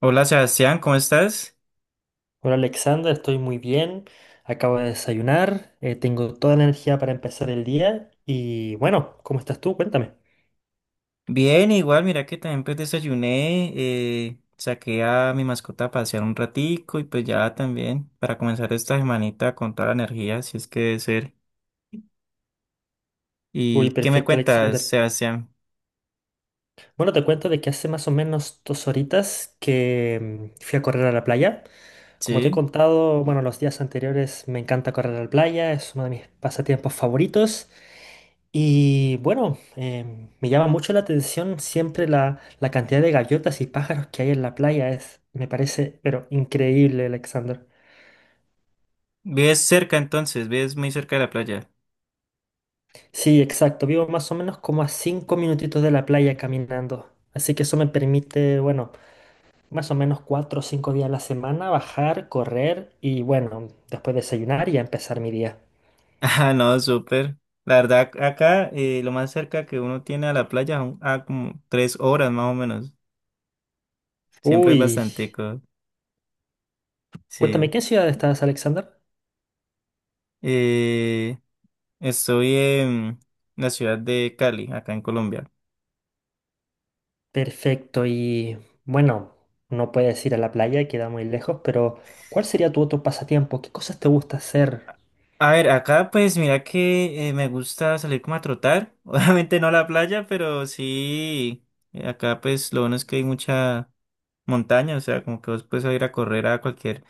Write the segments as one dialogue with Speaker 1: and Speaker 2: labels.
Speaker 1: Hola Sebastián, ¿cómo estás?
Speaker 2: Hola Alexandra, estoy muy bien. Acabo de desayunar, tengo toda la energía para empezar el día y bueno, ¿cómo estás tú? Cuéntame.
Speaker 1: Bien, igual, mira que también pues desayuné, saqué a mi mascota a pasear un ratico y pues ya también para comenzar esta semanita con toda la energía, si es que debe ser.
Speaker 2: Uy,
Speaker 1: ¿Y qué me
Speaker 2: perfecto
Speaker 1: cuentas,
Speaker 2: Alexander.
Speaker 1: Sebastián?
Speaker 2: Bueno, te cuento de que hace más o menos 2 horitas que fui a correr a la playa. Como te he
Speaker 1: ¿Sí?
Speaker 2: contado, bueno, los días anteriores me encanta correr a la playa, es uno de mis pasatiempos favoritos. Y bueno, me llama mucho la atención siempre la cantidad de gaviotas y pájaros que hay en la playa. Es, me parece, pero increíble, Alexander.
Speaker 1: ¿Vives cerca entonces? ¿Vives muy cerca de la playa?
Speaker 2: Sí, exacto. Vivo más o menos como a 5 minutitos de la playa caminando. Así que eso me permite, bueno, más o menos 4 o 5 días a la semana bajar, correr y, bueno, después desayunar y a empezar mi día.
Speaker 1: Ah, no, súper. La verdad, acá lo más cerca que uno tiene a la playa son a como tres horas más o menos. Siempre es
Speaker 2: Uy,
Speaker 1: bastante,
Speaker 2: cuéntame,
Speaker 1: sí.
Speaker 2: ¿qué ciudad estás, Alexander?
Speaker 1: Eh, Estoy en la ciudad de Cali, acá en Colombia.
Speaker 2: Perfecto. Y, bueno, no puedes ir a la playa, queda muy lejos, pero ¿cuál sería tu otro pasatiempo? ¿Qué cosas te gusta hacer?
Speaker 1: A ver, acá pues mira que me gusta salir como a trotar. Obviamente no a la playa, pero sí. Acá pues lo bueno es que hay mucha montaña, o sea, como que vos puedes ir a correr a cualquier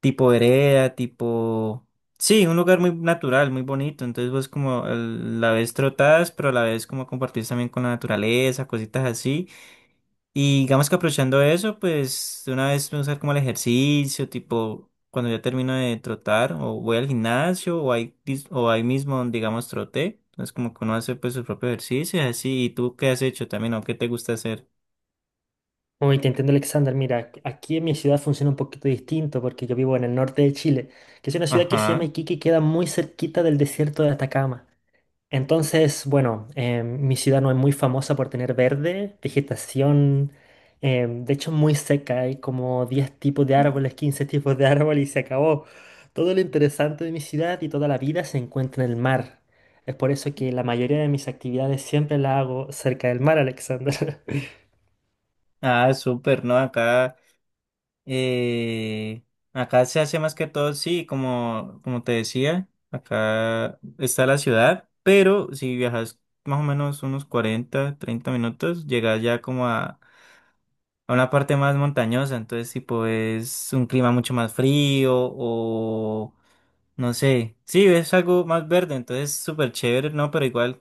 Speaker 1: tipo de vereda, tipo... Sí, un lugar muy natural, muy bonito. Entonces vos como a la vez trotás, pero a la vez como compartís también con la naturaleza, cositas así. Y digamos que aprovechando eso, pues de una vez me usar como el ejercicio, tipo cuando ya termino de trotar, o voy al gimnasio, o ahí, o ahí mismo, digamos, troté. Entonces como que uno hace pues su propio ejercicio y así. ¿Y tú qué has hecho también o qué te gusta hacer?
Speaker 2: Uy, te entiendo, Alexander. Mira, aquí en mi ciudad funciona un poquito distinto porque yo vivo en el norte de Chile, que es una ciudad que se llama
Speaker 1: Ajá.
Speaker 2: Iquique y queda muy cerquita del desierto de Atacama. Entonces, bueno, mi ciudad no es muy famosa por tener verde, vegetación, de hecho muy seca, hay como 10 tipos de árboles, 15 tipos de árboles y se acabó. Todo lo interesante de mi ciudad y toda la vida se encuentra en el mar. Es por eso que la mayoría de mis actividades siempre las hago cerca del mar, Alexander.
Speaker 1: Ah, súper, ¿no? Acá, eh, acá se hace más que todo, sí, como, como te decía, acá está la ciudad, pero si viajas más o menos unos 40 30 minutos, llegas ya como a una parte más montañosa, entonces tipo es un clima mucho más frío o no sé, sí, es algo más verde, entonces súper chévere, no, pero igual,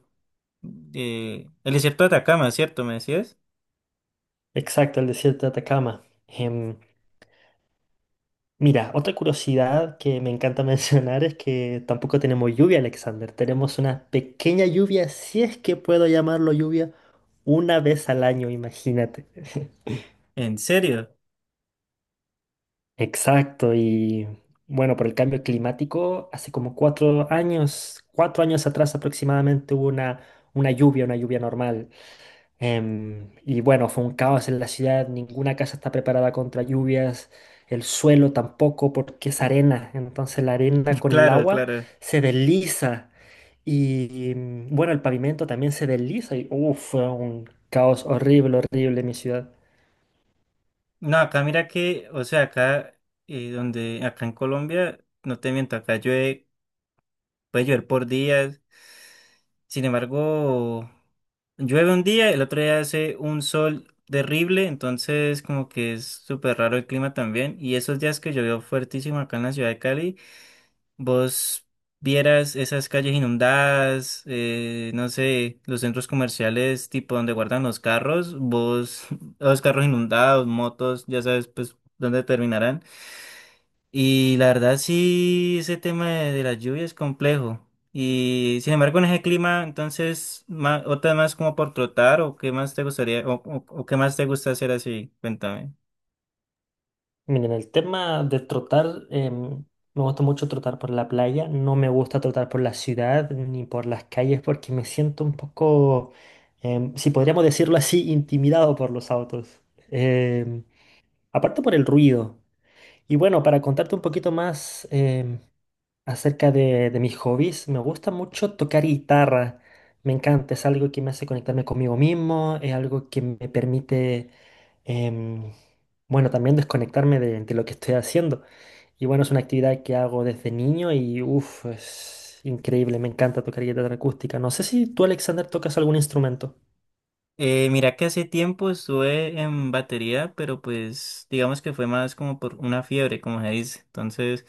Speaker 1: el desierto de Atacama, ¿cierto? ¿Me decías?
Speaker 2: Exacto, el desierto de Atacama. Mira, otra curiosidad que me encanta mencionar es que tampoco tenemos lluvia, Alexander. Tenemos una pequeña lluvia, si es que puedo llamarlo lluvia, una vez al año, imagínate.
Speaker 1: ¿En serio?
Speaker 2: Exacto, y bueno, por el cambio climático, hace como 4 años, 4 años atrás aproximadamente hubo una lluvia normal. Y bueno, fue un caos en la ciudad, ninguna casa está preparada contra lluvias, el suelo tampoco porque es arena, entonces la arena con el
Speaker 1: Claro,
Speaker 2: agua
Speaker 1: claro.
Speaker 2: se desliza y bueno, el pavimento también se desliza y uf, fue un caos horrible, horrible en mi ciudad.
Speaker 1: No, acá mira que, o sea, acá, donde, acá en Colombia, no te miento, acá llueve, puede llover por días. Sin embargo, llueve un día, el otro día hace un sol terrible, entonces como que es súper raro el clima también. Y esos días que llovió fuertísimo acá en la ciudad de Cali, vos vieras esas calles inundadas, no sé, los centros comerciales tipo donde guardan los carros, vos, los carros inundados, motos, ya sabes pues dónde terminarán. Y la verdad sí, ese tema de las lluvias es complejo. Y sin embargo, en ese clima, entonces, otra más como por trotar o qué más te gustaría o, o qué más te gusta hacer así, cuéntame.
Speaker 2: Miren, el tema de trotar, me gusta mucho trotar por la playa, no me gusta trotar por la ciudad ni por las calles porque me siento un poco, si podríamos decirlo así, intimidado por los autos. Em, Aparte por el ruido. Y bueno, para contarte un poquito más, acerca de mis hobbies, me gusta mucho tocar guitarra. Me encanta, es algo que me hace conectarme conmigo mismo, es algo que me permite, em, bueno, también desconectarme de lo que estoy haciendo. Y bueno, es una actividad que hago desde niño y uff, es increíble, me encanta tocar guitarra acústica. No sé si tú, Alexander, tocas algún instrumento.
Speaker 1: Mira que hace tiempo estuve en batería, pero pues digamos que fue más como por una fiebre, como se dice. Entonces,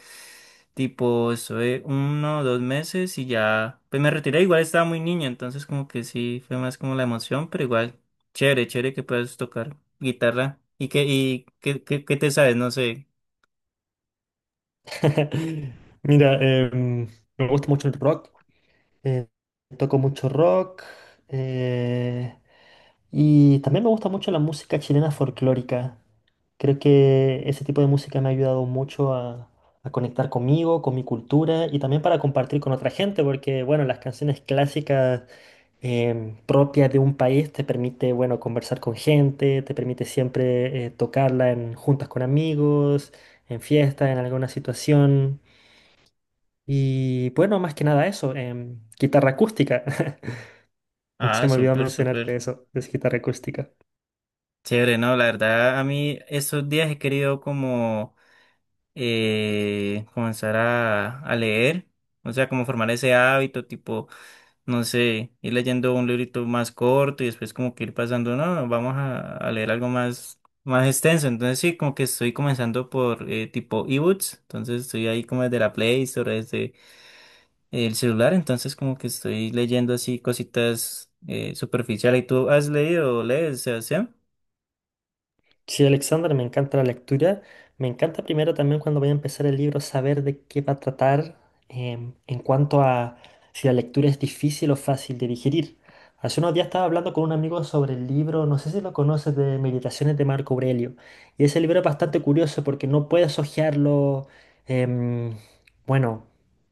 Speaker 1: tipo, estuve uno o dos meses y ya, pues me retiré. Igual estaba muy niño, entonces como que sí, fue más como la emoción, pero igual, chévere, chévere que puedas tocar guitarra. ¿Y qué, qué te sabes? No sé.
Speaker 2: Mira, me gusta mucho el rock, eh, toco mucho rock. eh, Y también me gusta mucho la música chilena folclórica. Creo que ese tipo de música me ha ayudado mucho a conectar conmigo, con mi cultura y también para compartir con otra gente, porque bueno, las canciones clásicas propias de un país te permite, bueno, conversar con gente, te permite siempre tocarla en juntas con amigos, en fiestas, en alguna situación. Y bueno, más que nada eso, guitarra acústica. Se
Speaker 1: Ah,
Speaker 2: me olvidó
Speaker 1: súper, súper.
Speaker 2: mencionarte eso, es guitarra acústica.
Speaker 1: Chévere, no, la verdad, a mí estos días he querido como... comenzar a leer, o sea, como formar ese hábito, tipo, no sé, ir leyendo un librito más corto y después como que ir pasando, no, vamos a leer algo más, más extenso, entonces sí, como que estoy comenzando por tipo ebooks, entonces estoy ahí como desde la Play Store, desde el celular, entonces como que estoy leyendo así cositas superficiales. ¿Y tú has leído o lees, Sebastián?
Speaker 2: Sí, Alexander, me encanta la lectura. Me encanta primero también cuando voy a empezar el libro saber de qué va a tratar en cuanto a si la lectura es difícil o fácil de digerir. Hace unos días estaba hablando con un amigo sobre el libro, no sé si lo conoces, de Meditaciones de Marco Aurelio. Y ese libro es bastante curioso porque no puedes hojearlo, em, bueno,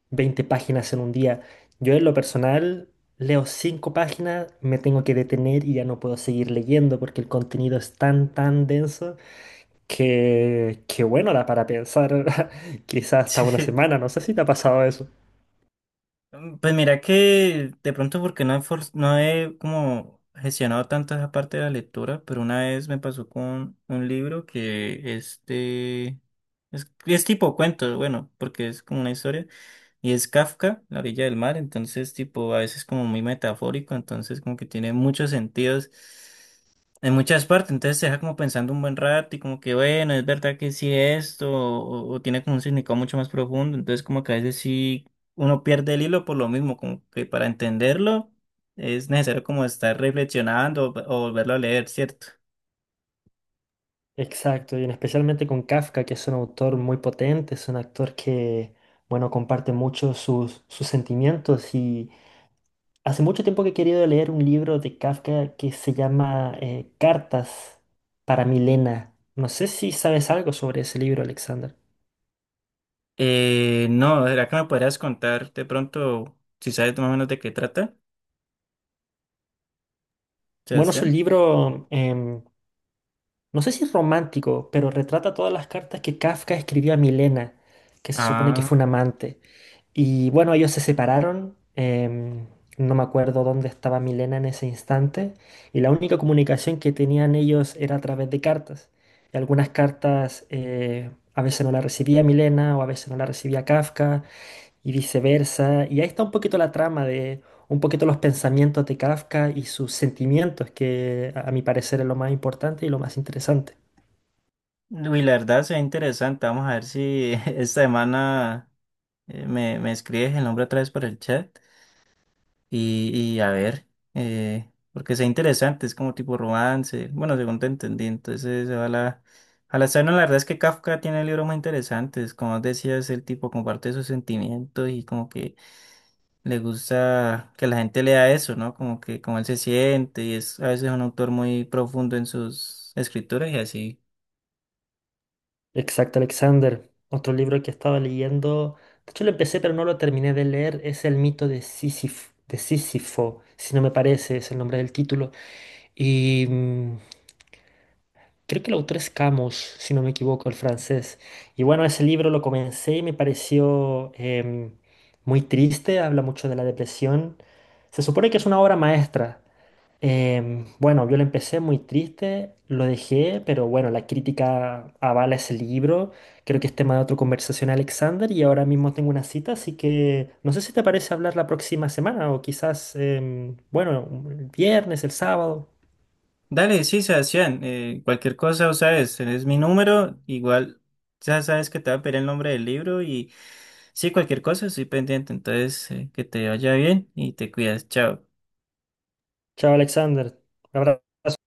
Speaker 2: 20 páginas en un día. Yo en lo personal leo cinco páginas, me tengo que detener y ya no puedo seguir leyendo porque el contenido es tan, tan denso que bueno, da para pensar quizás hasta una semana, no sé si te ha pasado eso.
Speaker 1: Mm, pues mira que de pronto porque no he, no he como gestionado tanto esa parte de la lectura, pero una vez me pasó con un libro que este es, es tipo cuento, bueno, porque es como una historia, y es Kafka, La orilla del mar, entonces tipo a veces como muy metafórico, entonces como que tiene muchos sentidos en muchas partes, entonces te deja como pensando un buen rato y como que bueno, es verdad que sí esto, o tiene como un significado mucho más profundo, entonces como que a veces sí uno pierde el hilo por lo mismo, como que para entenderlo es necesario como estar reflexionando o volverlo a leer, ¿cierto?
Speaker 2: Exacto, y en especialmente con Kafka, que es un autor muy potente, es un actor que, bueno, comparte mucho sus, sus sentimientos y hace mucho tiempo que he querido leer un libro de Kafka que se llama Cartas para Milena. No sé si sabes algo sobre ese libro, Alexander.
Speaker 1: No, ¿será que me podrías contar de pronto si sabes más o menos de qué trata,
Speaker 2: Bueno, es un
Speaker 1: Sebastián?
Speaker 2: libro, no sé si es romántico, pero retrata todas las cartas que Kafka escribió a Milena, que se supone que fue
Speaker 1: Ah,
Speaker 2: un amante. Y bueno, ellos se separaron. No me acuerdo dónde estaba Milena en ese instante. Y la única comunicación que tenían ellos era a través de cartas. Y algunas cartas a veces no la recibía Milena o a veces no la recibía Kafka y viceversa. Y ahí está un poquito la trama de un poquito los pensamientos de Kafka y sus sentimientos, que a mi parecer es lo más importante y lo más interesante.
Speaker 1: uy, la verdad se ve interesante. Vamos a ver si esta semana me, me escribes el nombre otra vez por el chat. Y, y a ver, porque sea interesante, es como tipo romance, bueno, según te entendí, entonces a la escena la verdad es que Kafka tiene libros muy interesantes, como decías, el tipo comparte sus sentimientos y como que le gusta que la gente lea eso, ¿no? Como que como él se siente y es a veces un autor muy profundo en sus escrituras y así.
Speaker 2: Exacto, Alexander. Otro libro que estaba leyendo, de hecho lo empecé pero no lo terminé de leer, es El mito de Sísifo, si no me parece, es el nombre del título. Y creo que el autor es Camus, si no me equivoco, el francés. Y bueno, ese libro lo comencé y me pareció muy triste, habla mucho de la depresión. Se supone que es una obra maestra. Bueno, yo lo empecé muy triste, lo dejé, pero bueno, la crítica avala ese libro. Creo que es tema de otra conversación, Alexander, y ahora mismo tengo una cita, así que no sé si te parece hablar la próxima semana o quizás, bueno, el viernes, el sábado.
Speaker 1: Dale, sí, Sebastián, cualquier cosa, o sabes, tenés mi número, igual ya sabes que te va a pedir el nombre del libro y sí, cualquier cosa, estoy pendiente, entonces que te vaya bien y te cuidas, chao.
Speaker 2: Chao, Alexander. Un abrazo.